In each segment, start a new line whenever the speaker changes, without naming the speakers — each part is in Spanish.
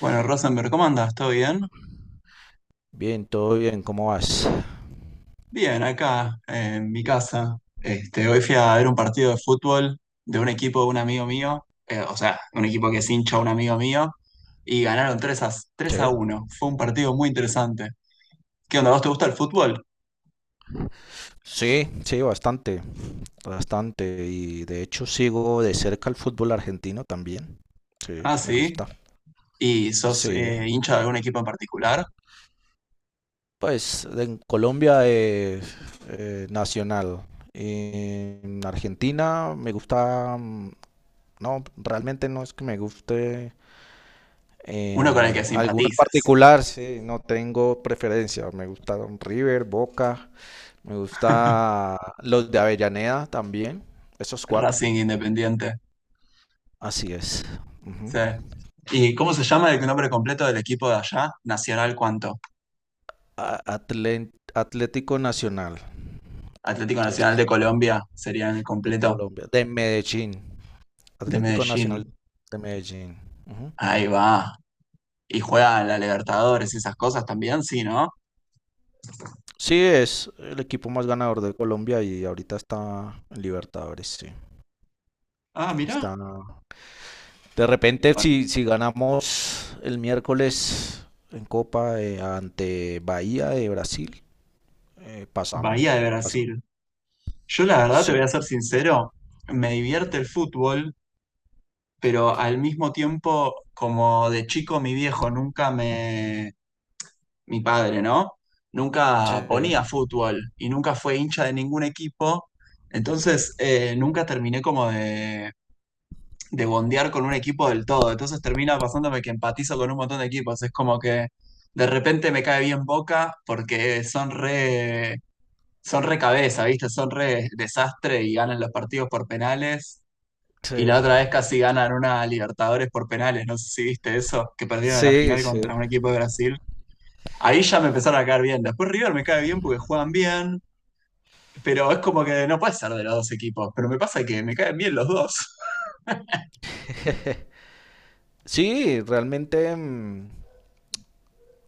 Bueno, Rosenberg, ¿cómo andas? ¿Todo bien?
Bien, todo bien, ¿cómo vas?
Bien, acá en mi casa. Este, hoy fui a ver un partido de fútbol de un equipo de un amigo mío, o sea, un equipo que es hincha de un amigo mío, y ganaron tres
Sí,
a uno. Fue un partido muy interesante. ¿Qué onda? ¿Vos te gusta el fútbol?
sí, bastante, bastante. Y de hecho sigo de cerca el fútbol argentino también. Sí,
Ah,
me
sí.
gusta.
¿Y sos
Sí,
hincha de algún equipo en particular?
pues en Colombia es Nacional. En Argentina me gusta, no, realmente no es que me guste
Uno con el que
alguno en
simpatices.
particular, sí, no tengo preferencia. Me gusta River, Boca. Me gusta los de Avellaneda también. Esos cuatro.
Racing Independiente.
Así es. Ujú.
Sí. ¿Y cómo se llama el nombre completo del equipo de allá? Nacional, ¿cuánto?
Atlético Nacional.
Atlético Nacional de
Entonces,
Colombia sería el
de
completo.
Colombia. De Medellín.
De
Atlético Nacional
Medellín.
de Medellín. Ujú.
Ahí va. Y juega en la Libertadores, y esas cosas también, sí, ¿no?
Sí, es el equipo más ganador de Colombia y ahorita está en Libertadores, sí.
Ah, mirá,
Está... De repente,
con
si ganamos el miércoles en Copa ante Bahía de Brasil,
Bahía
pasamos.
de Brasil. Yo la verdad, te voy a
Sí.
ser sincero, me divierte el fútbol, pero al mismo tiempo, como de chico, mi viejo nunca me, mi padre, ¿no?
Sí,
Nunca ponía fútbol y nunca fue hincha de ningún equipo. Entonces, nunca terminé como de bondear con un equipo del todo. Entonces termina pasándome que empatizo con un montón de equipos. Es como que de repente me cae bien Boca porque son re cabeza, ¿viste? Son re desastre y ganan los partidos por penales. Y
sí,
la otra vez casi ganan una Libertadores por penales. No sé si viste eso, que perdieron en la
sí,
final
sí.
contra un equipo de Brasil. Ahí ya me empezaron a caer bien. Después River me cae bien porque juegan bien. Pero es como que no puede ser de los dos equipos. Pero me pasa que me caen bien los dos.
Sí, realmente,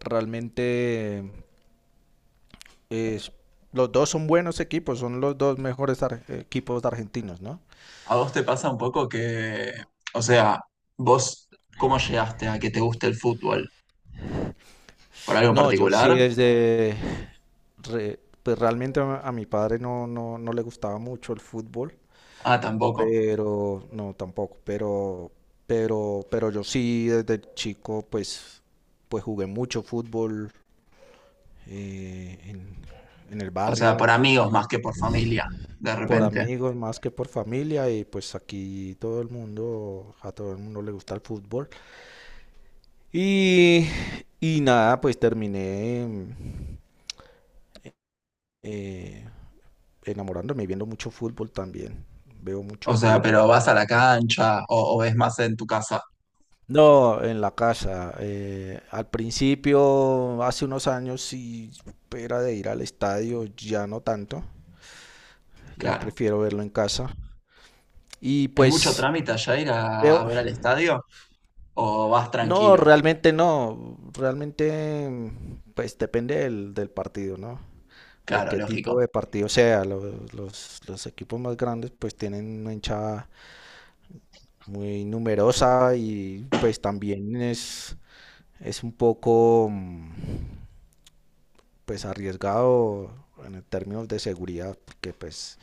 realmente es- los dos son buenos equipos, son los dos mejores equipos argentinos, ¿no?
¿A vos te pasa un poco que, o sea, vos, cómo llegaste a que te guste el fútbol? ¿Por algo en
No, yo sí
particular?
desde, pues realmente a mi padre no le gustaba mucho el fútbol,
Ah, tampoco.
pero no tampoco, pero yo sí desde chico pues jugué mucho fútbol eh, en, en el
O sea,
barrio,
por amigos más que por familia, de
por
repente.
amigos más que por familia y pues aquí todo el mundo, a todo el mundo le gusta el fútbol. Y, y nada, pues terminé eh, enamorándome y viendo mucho fútbol también. Veo
O
mucho
sea,
fútbol.
pero vas a la cancha o es más en tu casa,
No, en la casa. Al principio, hace unos años, sí era de ir al estadio, ya no tanto. Ya
claro.
prefiero verlo en casa. Y
¿Es mucho
pues
trámite allá ir
veo.
a ver al estadio o vas
No,
tranquilo?
realmente no. Realmente, pues depende del partido, ¿no? De
Claro,
qué tipo
lógico.
de partido sea. Los equipos más grandes pues tienen una hinchada muy numerosa y pues también es un poco pues arriesgado en términos de seguridad, porque pues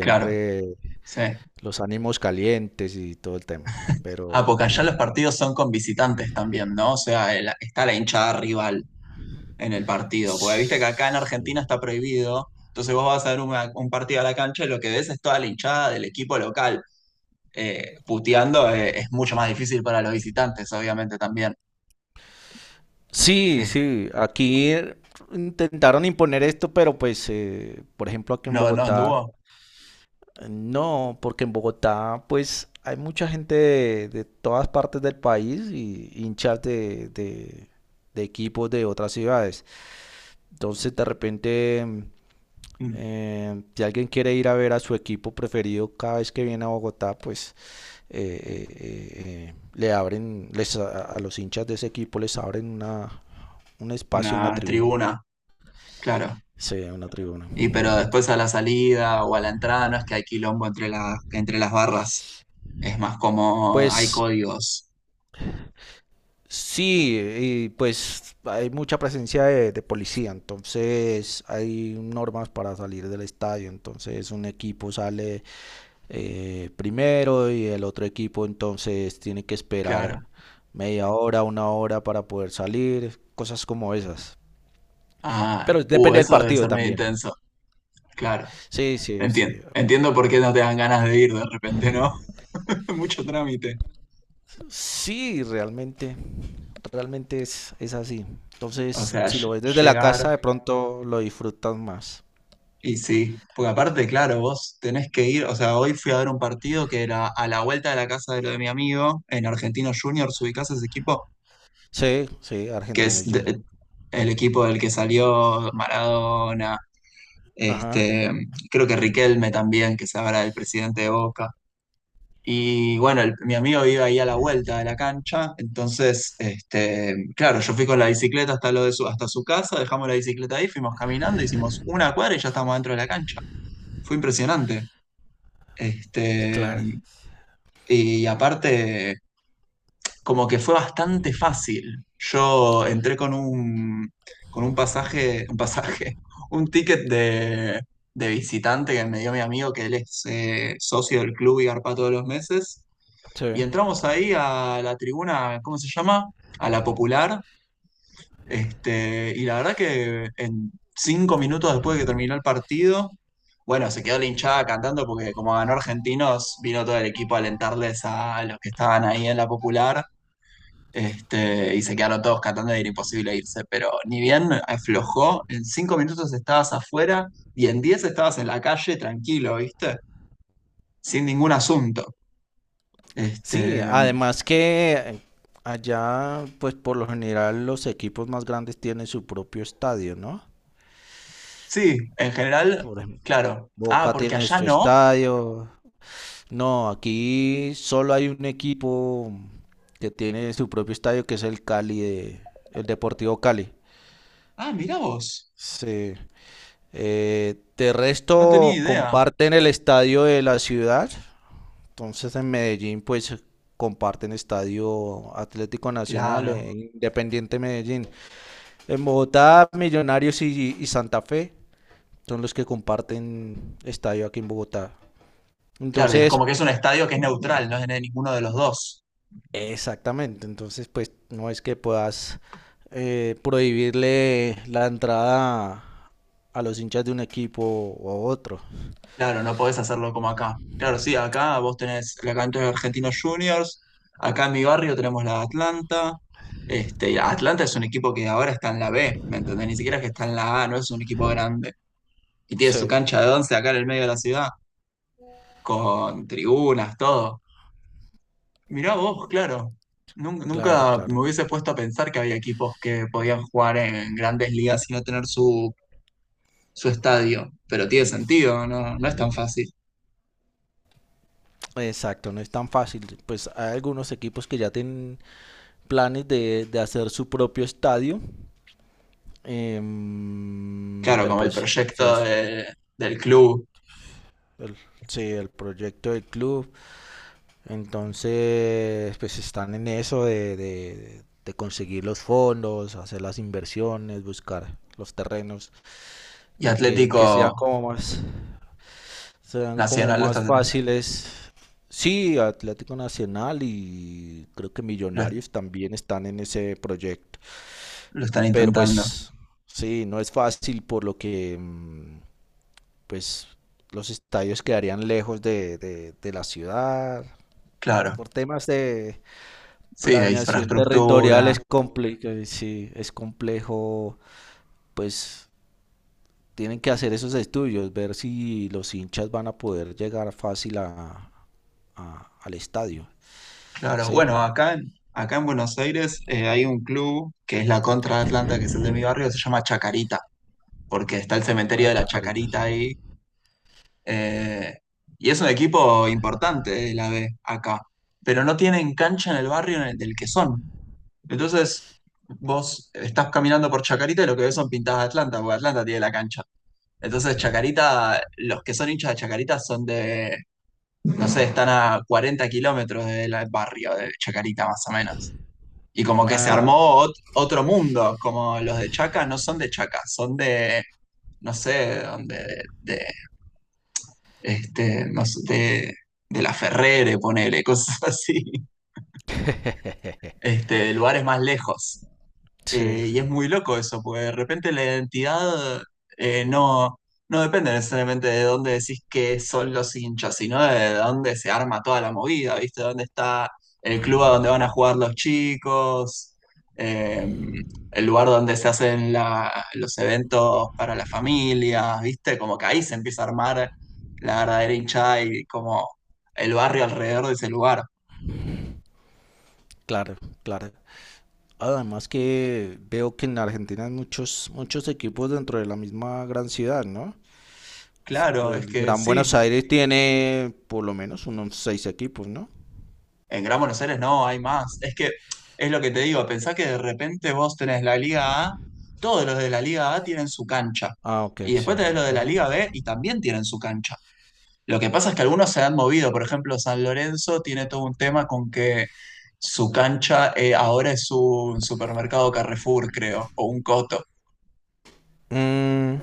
Claro, sí.
los ánimos calientes y todo el tema, ¿no?
Ah,
Pero...
porque allá los partidos son con visitantes también, ¿no? O sea, está la hinchada rival en el partido. Porque viste que acá en Argentina
Sí.
está prohibido. Entonces vos vas a ver un partido a la cancha y lo que ves es toda la hinchada del equipo local. Puteando, es mucho más difícil para los visitantes, obviamente también.
Sí,
Eh,
sí, aquí intentaron imponer esto, pero pues, por ejemplo, aquí en
no, no
Bogotá,
anduvo.
no, porque en Bogotá, pues, hay mucha gente de todas partes del país y hinchas de equipos de otras ciudades. Entonces, de repente,
mm,
si alguien quiere ir a ver a su equipo preferido cada vez que viene a Bogotá, pues, le abren, les, a los hinchas de ese equipo les abren una, un espacio en la
una
tribuna.
tribuna, claro.
Sí, una tribuna.
Y pero después a la salida o a la entrada no es que hay quilombo entre las barras. Es más como hay
Pues
códigos,
sí, y pues hay mucha presencia de policía, entonces hay normas para salir del estadio, entonces un equipo sale primero y el otro equipo entonces tiene que esperar
claro.
media hora, una hora para poder salir, cosas como esas.
Ah,
Pero depende del
eso debe
partido
ser medio
también.
intenso, claro.
Sí, sí,
Entiendo.
sí.
Entiendo por qué no te dan ganas de ir de repente, ¿no? Mucho trámite.
Sí, realmente, realmente es así.
O
Entonces,
sea,
si lo ves desde la
llegar
casa, de pronto lo disfrutas más.
y sí, porque aparte, claro, vos tenés que ir, o sea, hoy fui a ver un partido que era a la vuelta de la casa de lo de mi amigo, en Argentinos Juniors, ¿ubicás ese equipo?
Sí, sí,
Que
argentino
es
y Georgia.
el equipo del que salió Maradona,
Ajá,
este, creo que Riquelme también, que se habla del presidente de Boca. Y bueno, mi amigo vive ahí a la vuelta de la cancha, entonces, este, claro, yo fui con la bicicleta hasta, lo de su, hasta su casa, dejamos la bicicleta ahí, fuimos caminando, hicimos una cuadra y ya estábamos dentro de la cancha. Fue impresionante. Este,
claro.
y aparte, como que fue bastante fácil. Yo entré con un pasaje, un ticket de visitante que me dio mi amigo, que él es socio del club y garpa todos los meses. Y
Sí.
entramos ahí a la tribuna, ¿cómo se llama? A la popular. Este, y la verdad que en 5 minutos después de que terminó el partido, bueno, se quedó la hinchada cantando porque como ganó Argentinos, vino todo el equipo a alentarles a los que estaban ahí en la popular. Este, y se quedaron todos cantando y era imposible irse. Pero ni bien aflojó, en 5 minutos estabas afuera y en 10 estabas en la calle tranquilo, ¿viste? Sin ningún asunto. Este,
Sí, además que allá, pues por lo general los equipos más grandes tienen su propio estadio, ¿no?
sí, en general,
Por ejemplo,
claro. Ah,
Boca
porque
tiene
allá
su
no.
estadio. No, aquí solo hay un equipo que tiene su propio estadio, que es el Cali de, el Deportivo Cali.
Ah, mirá vos.
Sí. De
No tenía
resto,
idea.
comparten el estadio de la ciudad. Entonces, en Medellín, pues comparten estadio Atlético Nacional e
Claro,
Independiente Medellín. En Bogotá, Millonarios y Santa Fe son los que comparten estadio aquí en Bogotá.
claro. Y es
Entonces,
como que es un estadio que es neutral, no es de ninguno de los dos.
Exactamente. Entonces, pues no es que puedas prohibirle la entrada a los hinchas de un equipo o a otro.
Claro, no podés hacerlo como acá. Claro, sí, acá vos tenés la cancha de Argentinos Juniors. Acá en mi barrio tenemos la Atlanta. Este, y Atlanta es un equipo que ahora está en la B, ¿me entendés? Ni siquiera es que está en la A, no es un equipo grande. Y tiene su
Sí,
cancha de 11 acá en el medio de la ciudad, con tribunas, todo. Mirá vos, claro. Nun-
claro,
Nunca
claro.
me hubiese puesto a pensar que había equipos que podían jugar en grandes ligas y no tener su, su estadio, pero tiene sentido, no, no es tan fácil.
Exacto, no es tan fácil. Pues hay algunos equipos que ya tienen planes de hacer su propio estadio,
Claro,
pero
como el
pues sí
proyecto
es
del club
el, sí, el proyecto del club. Entonces, pues están en eso de conseguir los fondos, hacer las inversiones, buscar los terrenos
y
que sean
Atlético
como más... Serán como
Nacional lo está,
más fáciles. Sí, Atlético Nacional y creo que
lo,
Millonarios también están en ese proyecto.
lo están
Pero
intentando,
pues sí, no es fácil por lo que pues los estadios quedarían lejos de la ciudad.
claro.
Por temas de
Sí, de
planeación territorial
infraestructura,
es complejo, sí, es complejo pues tienen que hacer esos estudios, ver si los hinchas van a poder llegar fácil a, al estadio,
claro.
¿sí?
Bueno, acá en, acá en Buenos Aires, hay un club que es la contra de Atlanta, que es el de mi barrio, que se llama Chacarita porque está el cementerio
Ah,
de la
Chacarita.
Chacarita ahí. Eh, y es un equipo importante, la B, acá. Pero no tienen cancha en el barrio en el del que son. Entonces, vos estás caminando por Chacarita y lo que ves son pintadas de Atlanta, porque Atlanta tiene la cancha. Entonces, Chacarita, los que son hinchas de Chacarita son de, no sé, están a 40 kilómetros del barrio de Chacarita, más o menos. Y como que se, claro,
Ah,
armó otro mundo, como los de Chaca no son de Chaca, son de, no sé, de este, no sé, de la Ferrere, ponele, cosas así, este, de lugares más lejos.
sí,
Y es muy loco eso, porque de repente la identidad, eh, no, no, depende necesariamente de dónde decís que son los hinchas, sino de dónde se arma toda la movida, ¿viste? Dónde está el club a donde van a jugar los chicos, eh, el lugar donde se hacen los eventos para las familias, ¿viste? Como que ahí se empieza a armar la verdadera hinchada y como el barrio alrededor de ese lugar.
claro, claro. Además que veo que en Argentina hay muchos, muchos equipos dentro de la misma gran ciudad, ¿no? Pues,
Claro, es
el
que
Gran
sí.
Buenos Aires tiene por lo menos unos 6 equipos, ¿no?
En Gran Buenos Aires no, hay más. Es que es lo que te digo, pensá que de repente vos tenés la Liga A, todos los de la Liga A tienen su cancha.
Ah, ok,
Y
sí.
después tenés los de la
Ajá.
Liga B y también tienen su cancha. Lo que pasa es que algunos se han movido, por ejemplo, San Lorenzo tiene todo un tema con que su cancha, ahora es un supermercado Carrefour, creo, o un Coto.
Mm,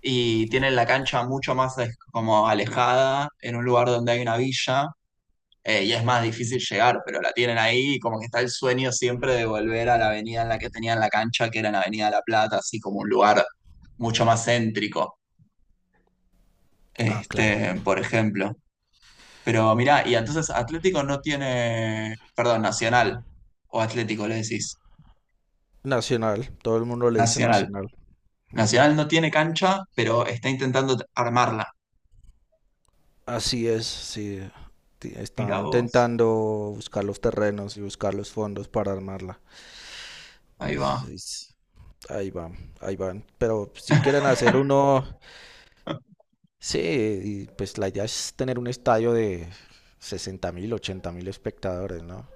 Y tienen la cancha mucho más, como alejada, en un lugar donde hay una villa, y es más difícil llegar, pero la tienen ahí y como que está el sueño siempre de volver a la avenida en la que tenían la cancha, que era en la Avenida de la Plata, así como un lugar mucho más céntrico,
ah, claro.
este, por ejemplo. Pero mirá, y entonces Atlético no tiene, perdón, Nacional, o Atlético le decís,
Nacional, todo el mundo le dice
Nacional.
Nacional. Mm.
Nacional no tiene cancha, pero está intentando armarla.
Así es, sí. Está
Mirá vos,
intentando buscar los terrenos y buscar los fondos para armarla.
ahí va.
Es- Ahí van, ahí van. Pero si quieren hacer uno, sí, y pues la idea es tener un estadio de 60.000, 80.000 espectadores, ¿no?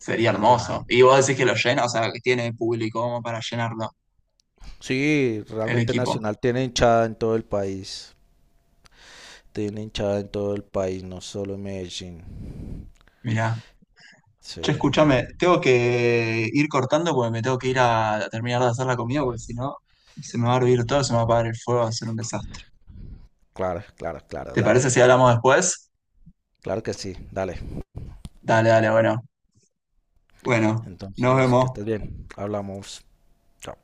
Sería
Pues ya.
hermoso. Y vos decís que lo llena, o sea, que tiene público como para llenarlo,
Sí,
el
realmente
equipo.
Nacional tiene hinchada en todo el país. Tiene hinchada en todo el país, no solo en Medellín.
Mirá. Che,
Sí,
escúchame, tengo que ir cortando porque me tengo que ir a terminar de hacer la comida, porque si no, se me va a hervir todo, se me va a apagar el fuego, va a ser un desastre.
claro, claro, claro,
¿Te
dale,
parece si
dale.
hablamos después?
Claro que sí, dale.
Dale, dale, bueno. Bueno, nos
Entonces, que
vemos.
estés bien. Hablamos. Chao.